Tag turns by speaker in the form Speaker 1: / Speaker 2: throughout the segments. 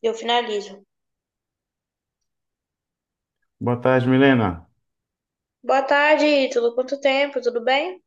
Speaker 1: Eu finalizo.
Speaker 2: Boa tarde, Milena.
Speaker 1: Boa tarde, Ítalo. Quanto tempo? Tudo bem?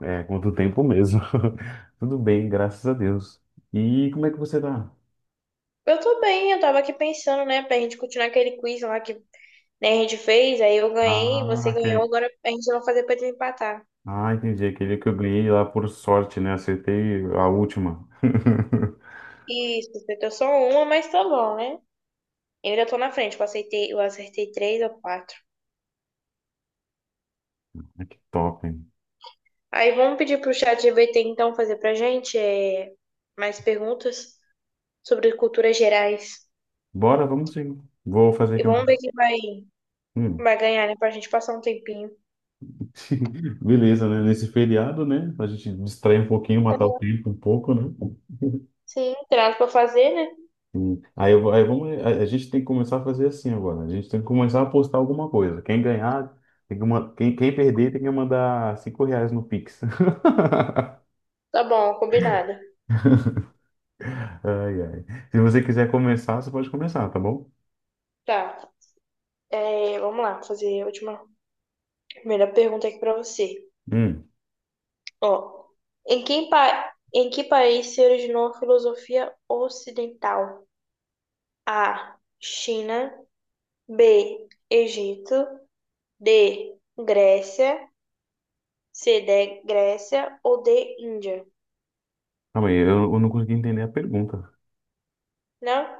Speaker 2: É, quanto tempo mesmo. Tudo bem, graças a Deus. E como é que você tá?
Speaker 1: Eu tô bem, eu tava aqui pensando, né, pra gente continuar aquele quiz lá que né, a gente fez, aí eu ganhei,
Speaker 2: Ah,
Speaker 1: você ganhou,
Speaker 2: aquele...
Speaker 1: agora a gente vai fazer pra desempatar.
Speaker 2: ah, entendi. Aquele que eu ganhei lá por sorte, né? Acertei a última.
Speaker 1: Isso, você acertou só uma, mas tá bom, né? Eu ainda tô na frente, eu acertei três ou quatro.
Speaker 2: Ah, que top, hein?
Speaker 1: Aí vamos pedir pro chat GPT então fazer pra gente mais perguntas sobre culturas gerais.
Speaker 2: Bora, vamos sim. Vou fazer
Speaker 1: E
Speaker 2: aqui
Speaker 1: vamos ver
Speaker 2: uma. Hum.
Speaker 1: vai ganhar, né, pra gente passar um tempinho.
Speaker 2: Beleza, né? Nesse feriado, né? Pra gente distrair um pouquinho, matar o tempo um pouco, né?
Speaker 1: Sim, tem nada pra fazer, né?
Speaker 2: Aí, aí vamos, a gente tem que começar a fazer assim agora. A gente tem que começar a postar alguma coisa. Quem ganhar, quem perder tem que mandar R$ 5 no Pix.
Speaker 1: Tá bom, combinado.
Speaker 2: Ai, ai. Se você quiser começar, você pode começar, tá bom?
Speaker 1: Tá, vamos lá, fazer a primeira pergunta aqui pra você.
Speaker 2: Hum.
Speaker 1: Ó, em que país se originou a filosofia ocidental? A, China, B, Egito, D, Grécia, C, D, Grécia ou D, Índia?
Speaker 2: Calma aí, eu não consegui entender a pergunta.
Speaker 1: Não?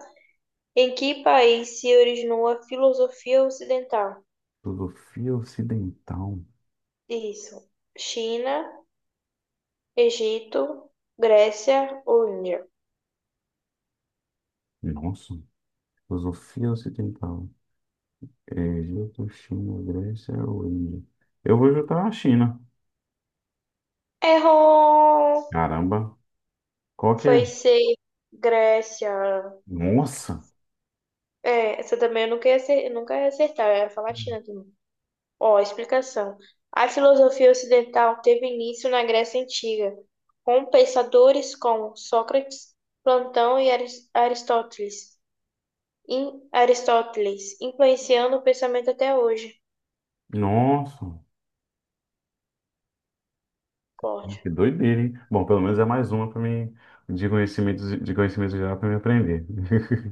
Speaker 1: Em que país se originou a filosofia ocidental?
Speaker 2: Filosofia ocidental.
Speaker 1: Isso, China, Egito, Grécia ou Índia?
Speaker 2: Nossa, filosofia ocidental. É, Egito, China, Grécia ou Índia? Eu vou juntar a China.
Speaker 1: Errou!
Speaker 2: Caramba, qual que é?
Speaker 1: Foi ser Grécia.
Speaker 2: Nossa,
Speaker 1: É, essa também eu nunca ia acertar, eu ia falar China também. Ó, explicação. A filosofia ocidental teve início na Grécia Antiga, com pensadores como Sócrates, Platão e Aristóteles, Aristóteles, influenciando o pensamento até hoje.
Speaker 2: nossa.
Speaker 1: Forte.
Speaker 2: Que doideira, hein? Bom, pelo menos é mais uma para mim de conhecimento geral para me aprender.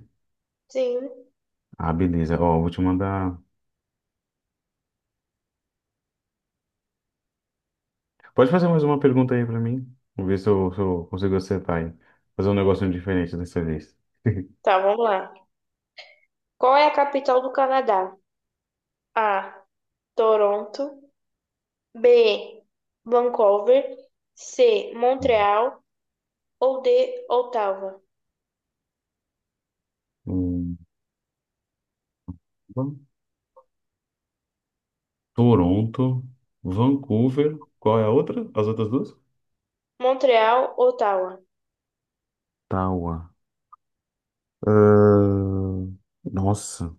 Speaker 1: Sim.
Speaker 2: Ah, beleza. Ó, vou te mandar. Pode fazer mais uma pergunta aí para mim? Vamos ver se eu consigo acertar aí. Fazer um negocinho diferente dessa vez.
Speaker 1: Tá, vamos lá. Qual é a capital do Canadá? A, Toronto. B, Vancouver. C, Montreal, ou de Ottawa.
Speaker 2: Hum, Van- Toronto, Vancouver. Qual é a outra? As outras duas?
Speaker 1: Montreal, Ottawa.
Speaker 2: Ottawa. Ahn, Nossa.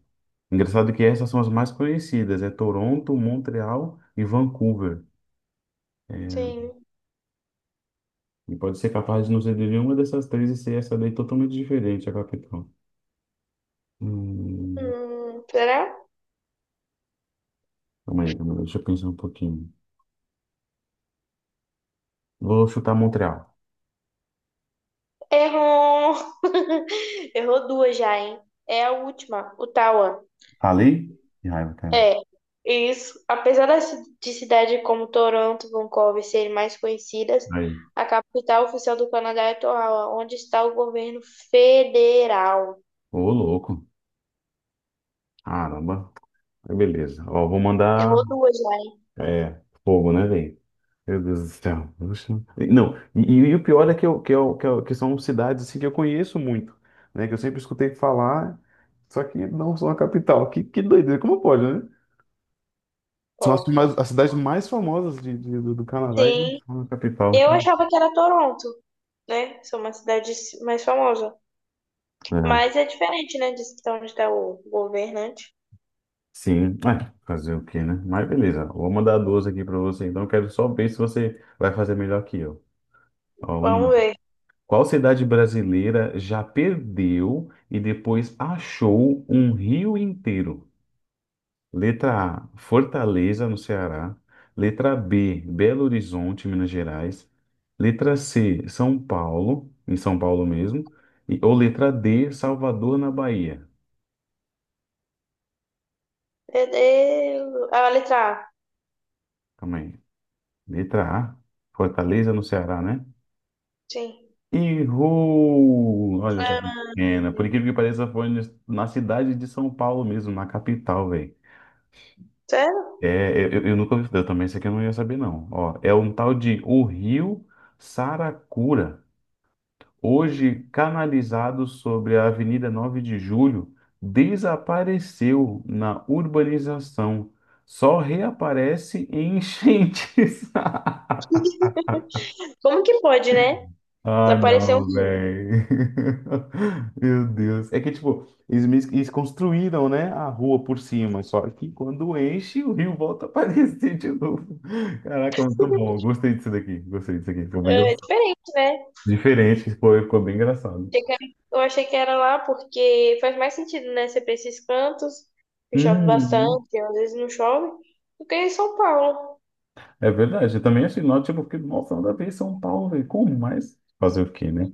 Speaker 2: Engraçado que essas são as mais conhecidas. É Toronto, Montreal e Vancouver. É,
Speaker 1: Sim.
Speaker 2: e pode ser capaz de não ser de nenhuma dessas três e ser essa daí totalmente diferente, a capital. Hum,
Speaker 1: Será?
Speaker 2: Calma aí, calma aí, deixa eu pensar um pouquinho. Vou chutar Montreal.
Speaker 1: Errou! Errou duas já, hein? É a última, Ottawa.
Speaker 2: Falei? Que raiva, cara.
Speaker 1: É, isso. Apesar de cidades como Toronto e Vancouver serem mais conhecidas,
Speaker 2: Aí.
Speaker 1: a capital oficial do Canadá é Ottawa, onde está o governo federal.
Speaker 2: Ô, louco. Caramba. Aí, beleza. Ó, vou mandar.
Speaker 1: Errou duas já, hein?
Speaker 2: É, fogo, né, velho? Meu Deus do céu. Oxe. Não, e o pior é que são cidades assim, que eu conheço muito, né? Que eu sempre escutei falar, só que não são a capital. Que doideira, como pode, né? São as,
Speaker 1: Ó,
Speaker 2: mais- as cidades mais famosas do Canadá e não
Speaker 1: sim.
Speaker 2: são a capital aqui.
Speaker 1: Eu achava que era Toronto, né? São uma cidade mais famosa.
Speaker 2: É,
Speaker 1: Mas é diferente, né? De onde está o governante.
Speaker 2: sim, é, fazer o quê, né? Mas beleza, vou mandar duas aqui para você, então eu quero só ver se você vai fazer melhor que eu. Ó,
Speaker 1: Vamos
Speaker 2: vamos lá.
Speaker 1: ver.
Speaker 2: Qual cidade brasileira já perdeu e depois achou um rio inteiro? Letra A, Fortaleza, no Ceará. Letra B, Belo Horizonte, Minas Gerais. Letra C, São Paulo, em São Paulo mesmo. Ou letra D, Salvador, na Bahia.
Speaker 1: Deus. Ah, a letra A.
Speaker 2: Calma aí. Letra A, Fortaleza, no Ceará, né?
Speaker 1: Sim.
Speaker 2: Errou! Olha essa
Speaker 1: Ah,
Speaker 2: pequena. Por incrível que pareça, foi na cidade de São Paulo mesmo, na capital, velho.
Speaker 1: sério?
Speaker 2: É, eu nunca ouvi, eu também isso aqui eu não ia saber, não. Ó, é um tal de O Rio Saracura, hoje canalizado sobre a Avenida 9 de Julho, desapareceu na urbanização. Só reaparece em enchentes.
Speaker 1: Como que pode, né?
Speaker 2: Ah,
Speaker 1: Desapareceu um
Speaker 2: não,
Speaker 1: rio.
Speaker 2: velho. Meu Deus. É que, tipo, eles construíram, né, a rua por cima, só que quando enche, o rio volta a aparecer de novo. Caraca, muito bom. Gostei disso daqui. Gostei disso aqui. Ficou bem
Speaker 1: É
Speaker 2: engraçado.
Speaker 1: diferente, né?
Speaker 2: Diferente, foi, ficou bem engraçado.
Speaker 1: Achei que era- Eu achei que era lá porque faz mais sentido, né? Ser pra esses cantos, que chove
Speaker 2: Uhum.
Speaker 1: bastante, às vezes não chove, do que em São Paulo.
Speaker 2: É verdade, eu também achei nó, tipo, porque, nossa, nada a ver São Paulo, velho, como mais? Fazer o quê, né?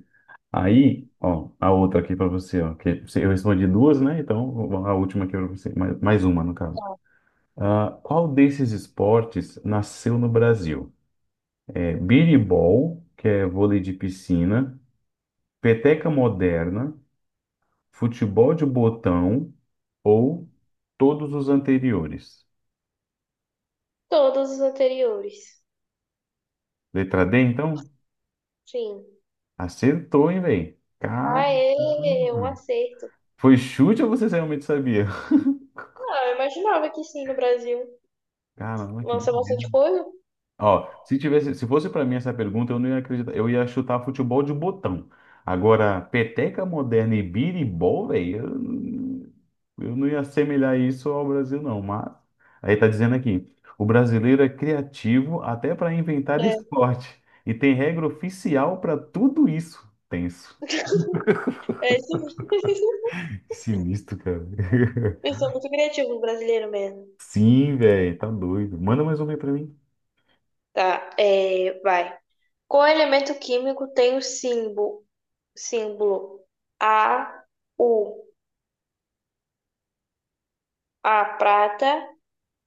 Speaker 2: Aí, ó, a outra aqui pra você, ó, eu respondi duas, né? Então, a última aqui pra você, mais uma, no caso. Ah, qual desses esportes nasceu no Brasil? É biribol, que é vôlei de piscina, peteca moderna, futebol de botão ou todos os anteriores?
Speaker 1: Todos os anteriores.
Speaker 2: Letra D, então?
Speaker 1: Sim.
Speaker 2: Acertou, hein, velho?
Speaker 1: Aê, um
Speaker 2: Caramba!
Speaker 1: acerto.
Speaker 2: Foi chute ou você realmente sabia?
Speaker 1: Ah, eu imaginava que sim, no Brasil.
Speaker 2: Caramba, que
Speaker 1: Lança
Speaker 2: doideira.
Speaker 1: bastante coisa.
Speaker 2: Ó, se fosse pra mim essa pergunta, eu não ia acreditar. Eu ia chutar futebol de botão. Agora, peteca moderna e biribol, velho, eu não ia assemelhar isso ao Brasil, não. Mas aí tá dizendo aqui, o brasileiro é criativo até pra inventar
Speaker 1: É.
Speaker 2: esporte e tem regra oficial pra tudo isso. Tenso.
Speaker 1: É, isso,
Speaker 2: Que sinistro, cara.
Speaker 1: eu sou muito criativo, brasileiro mesmo.
Speaker 2: Sim, velho, tá doido. Manda mais uma aí pra mim.
Speaker 1: Tá, vai. Qual elemento químico tem o símbolo A, U, A, prata,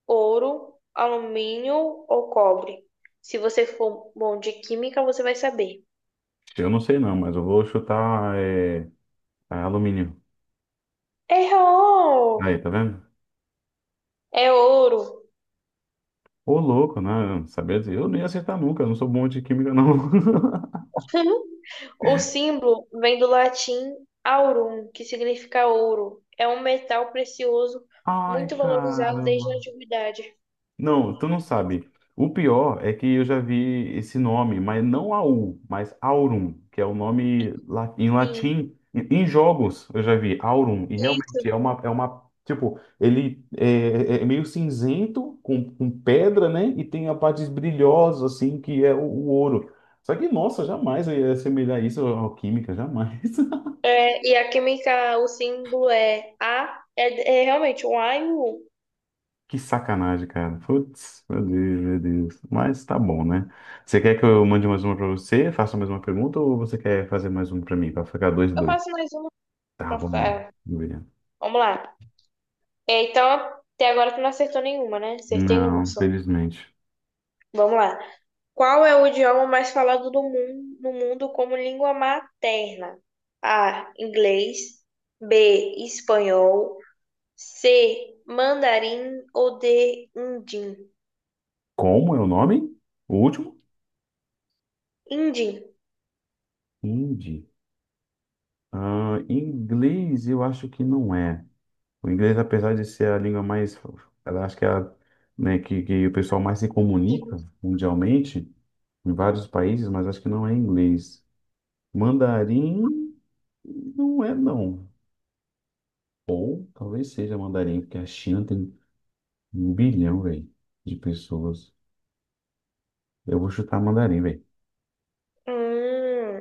Speaker 1: ouro, alumínio ou cobre? Se você for bom de química, você vai saber.
Speaker 2: Eu não sei não, mas eu vou chutar alumínio. Aí,
Speaker 1: Errou!
Speaker 2: tá vendo?
Speaker 1: É ouro.
Speaker 2: Ô, louco, né? Sabia dizer, eu nem ia acertar nunca, eu não sou bom de química, não.
Speaker 1: O símbolo vem do latim aurum, que significa ouro. É um metal precioso
Speaker 2: Ai,
Speaker 1: muito
Speaker 2: cara.
Speaker 1: valorizado desde a antiguidade.
Speaker 2: Não, tu não sabe. O pior é que eu já vi esse nome, mas não Aul, mas Aurum, que é o nome em
Speaker 1: Sim.
Speaker 2: latim. Em jogos eu já vi Aurum, e
Speaker 1: Isso.
Speaker 2: realmente é uma tipo, ele é, é meio cinzento, com pedra, né? E tem a parte brilhosa, assim, que é o ouro. Só que, nossa, jamais eu ia assemelhar isso à alquímica, jamais.
Speaker 1: É, e a química, o símbolo é é realmente um A e um U.
Speaker 2: Que sacanagem, cara. Putz, meu Deus, meu Deus. Mas tá bom, né? Você quer que eu mande mais uma pra você, faça mais uma pergunta, ou você quer fazer mais uma pra mim, pra ficar dois e
Speaker 1: Eu
Speaker 2: dois?
Speaker 1: faço mais uma
Speaker 2: Tá,
Speaker 1: pra
Speaker 2: vamos
Speaker 1: ficar.
Speaker 2: lá. Vamos ver.
Speaker 1: Vamos lá. É, então, até agora tu não acertou nenhuma, né? Acertei
Speaker 2: Não,
Speaker 1: uma só.
Speaker 2: infelizmente.
Speaker 1: Vamos lá. Qual é o idioma mais falado do mundo, no mundo como língua materna? A, inglês. B, espanhol. C, mandarim ou D, indim?
Speaker 2: Como é o nome? O último?
Speaker 1: Indim.
Speaker 2: Hindi. Ah, inglês, eu acho que não é. O inglês, apesar de ser a língua mais, ela acho que é a, né, que o pessoal mais se comunica mundialmente em vários países, mas acho que não é inglês. Mandarim. Não é, não. Ou talvez seja mandarim, porque a China tem um bilhão, velho, de pessoas. Eu vou chutar mandarim, velho.
Speaker 1: Hum,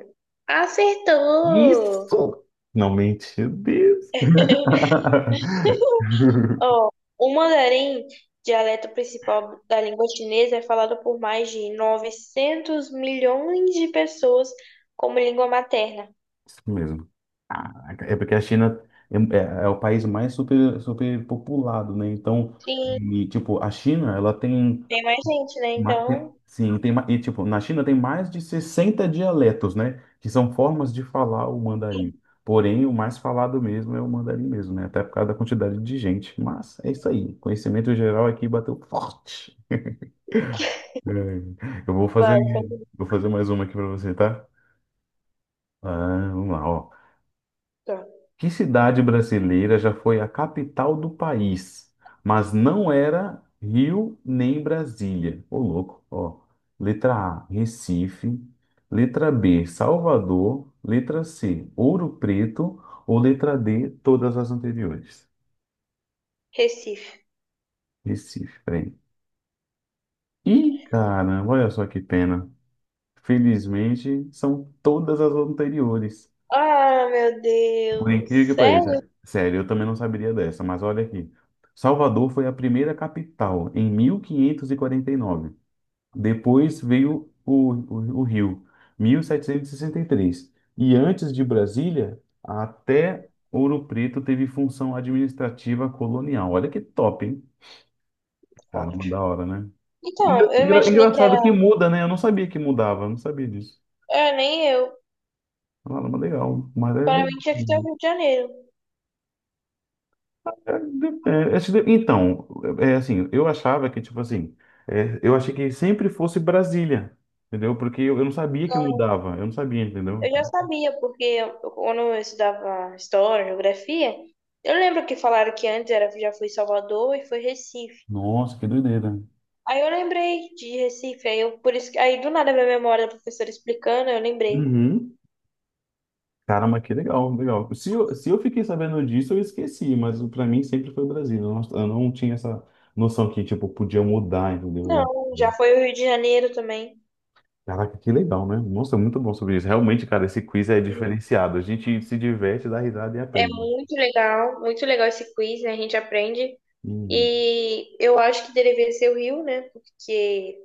Speaker 1: acertou!
Speaker 2: Isso! Não mente, Deus.
Speaker 1: Ó, o mandarim, dialeto principal da língua chinesa, é falado por mais de 900 milhões de pessoas como língua materna.
Speaker 2: Isso mesmo. Caraca, é porque a China é o país mais superpopulado, né? Então,
Speaker 1: Sim,
Speaker 2: e, tipo, a China, ela tem
Speaker 1: tem mais gente, né? Então,
Speaker 2: Sim, tem, tipo, na China tem mais de 60 dialetos, né? Que são formas de falar o mandarim. Porém, o mais falado mesmo é o mandarim mesmo, né? Até por causa da quantidade de gente. Mas é isso aí. Conhecimento geral aqui bateu forte. É, Eu vou
Speaker 1: vai,
Speaker 2: fazer, vou fazer mais uma aqui para você, tá? Ah, vamos lá, ó.
Speaker 1: pergunta.
Speaker 2: Que cidade brasileira já foi a capital do país, mas não era Rio nem Brasília? Ô, louco, ó. Letra A, Recife. Letra B, Salvador. Letra C, Ouro Preto. Ou letra D, todas as anteriores.
Speaker 1: Recife.
Speaker 2: Recife, peraí. Ih, caramba, olha só que pena. Felizmente, são todas as anteriores.
Speaker 1: Ah, meu
Speaker 2: Por
Speaker 1: Deus.
Speaker 2: incrível que
Speaker 1: Sério?
Speaker 2: pareça, sério, eu também não saberia dessa, mas olha aqui. Salvador foi a primeira capital em 1549. Depois veio o Rio, 1763. E 63. E antes de Brasília, até Ouro Preto teve função administrativa colonial. Olha que top, hein? Caramba,
Speaker 1: Forte.
Speaker 2: da hora, né? Engra-
Speaker 1: Então, eu
Speaker 2: engra-
Speaker 1: imaginei que era.
Speaker 2: engraçado que muda, né? Eu não sabia que mudava, eu não sabia disso.
Speaker 1: É, nem eu.
Speaker 2: Caramba, legal, mas é
Speaker 1: Para
Speaker 2: legal.
Speaker 1: mim tinha que ser o Rio de Janeiro.
Speaker 2: Então, é assim, eu achava que, tipo assim, eu achei que sempre fosse Brasília, entendeu? Porque eu não sabia que mudava, eu não sabia, entendeu?
Speaker 1: Eu
Speaker 2: Então,
Speaker 1: já sabia, porque quando eu estudava história, geografia, eu lembro que falaram que antes era, já foi Salvador e foi Recife.
Speaker 2: nossa, que doideira.
Speaker 1: Aí eu lembrei de Recife, por isso que, aí do nada minha memória da professora explicando, eu lembrei.
Speaker 2: Uhum. Caramba, que legal, legal. Se eu fiquei sabendo disso, eu esqueci, mas pra mim sempre foi Brasília. Eu não tinha essa noção que, tipo, podia mudar, entendeu?
Speaker 1: Não, já foi o Rio de Janeiro também.
Speaker 2: Caraca, que legal, né? Nossa, muito bom sobre isso. Realmente, cara, esse quiz é
Speaker 1: Sim.
Speaker 2: diferenciado. A gente se diverte, dá risada e
Speaker 1: É
Speaker 2: aprende.
Speaker 1: muito legal esse quiz, né? A gente aprende.
Speaker 2: Hum,
Speaker 1: E eu acho que deveria ser o Rio, né? Porque,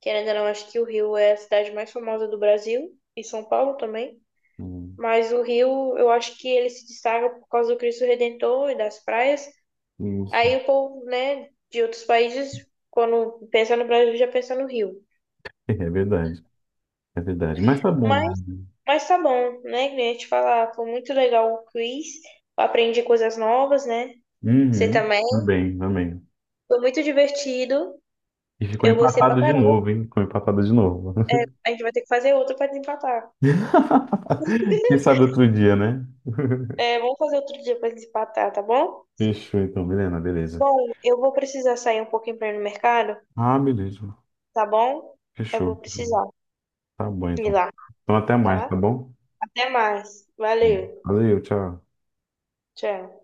Speaker 1: querendo ou não, acho que o Rio é a cidade mais famosa do Brasil, e São Paulo também.
Speaker 2: hum,
Speaker 1: Mas o Rio, eu acho que ele se destaca por causa do Cristo Redentor e das praias.
Speaker 2: hum.
Speaker 1: Aí o povo, né, de outros países, quando pensa no Brasil, já pensa no Rio.
Speaker 2: É verdade, é verdade. Mas tá bom.
Speaker 1: Mas Mas tá bom, né? Queria te falar, foi muito legal o quiz. Eu aprendi coisas novas, né? Você
Speaker 2: Uhum,
Speaker 1: também.
Speaker 2: também, também.
Speaker 1: Foi muito divertido.
Speaker 2: E ficou
Speaker 1: Eu gostei pra
Speaker 2: empatado de
Speaker 1: caramba.
Speaker 2: novo, hein? Ficou empatado de novo.
Speaker 1: A gente vai ter que fazer outro pra desempatar.
Speaker 2: Quem sabe outro dia, né?
Speaker 1: É, vamos fazer outro dia pra desempatar, tá bom?
Speaker 2: Fechou então, Milena, beleza.
Speaker 1: Bom, eu vou precisar sair um pouquinho pra ir no mercado,
Speaker 2: Ah, beleza.
Speaker 1: tá bom? Eu vou
Speaker 2: Fechou. Fechou.
Speaker 1: precisar
Speaker 2: Tá bom
Speaker 1: ir
Speaker 2: então.
Speaker 1: lá,
Speaker 2: Então até mais, tá
Speaker 1: tá?
Speaker 2: bom?
Speaker 1: Até mais. Valeu.
Speaker 2: Valeu, tchau.
Speaker 1: Tchau.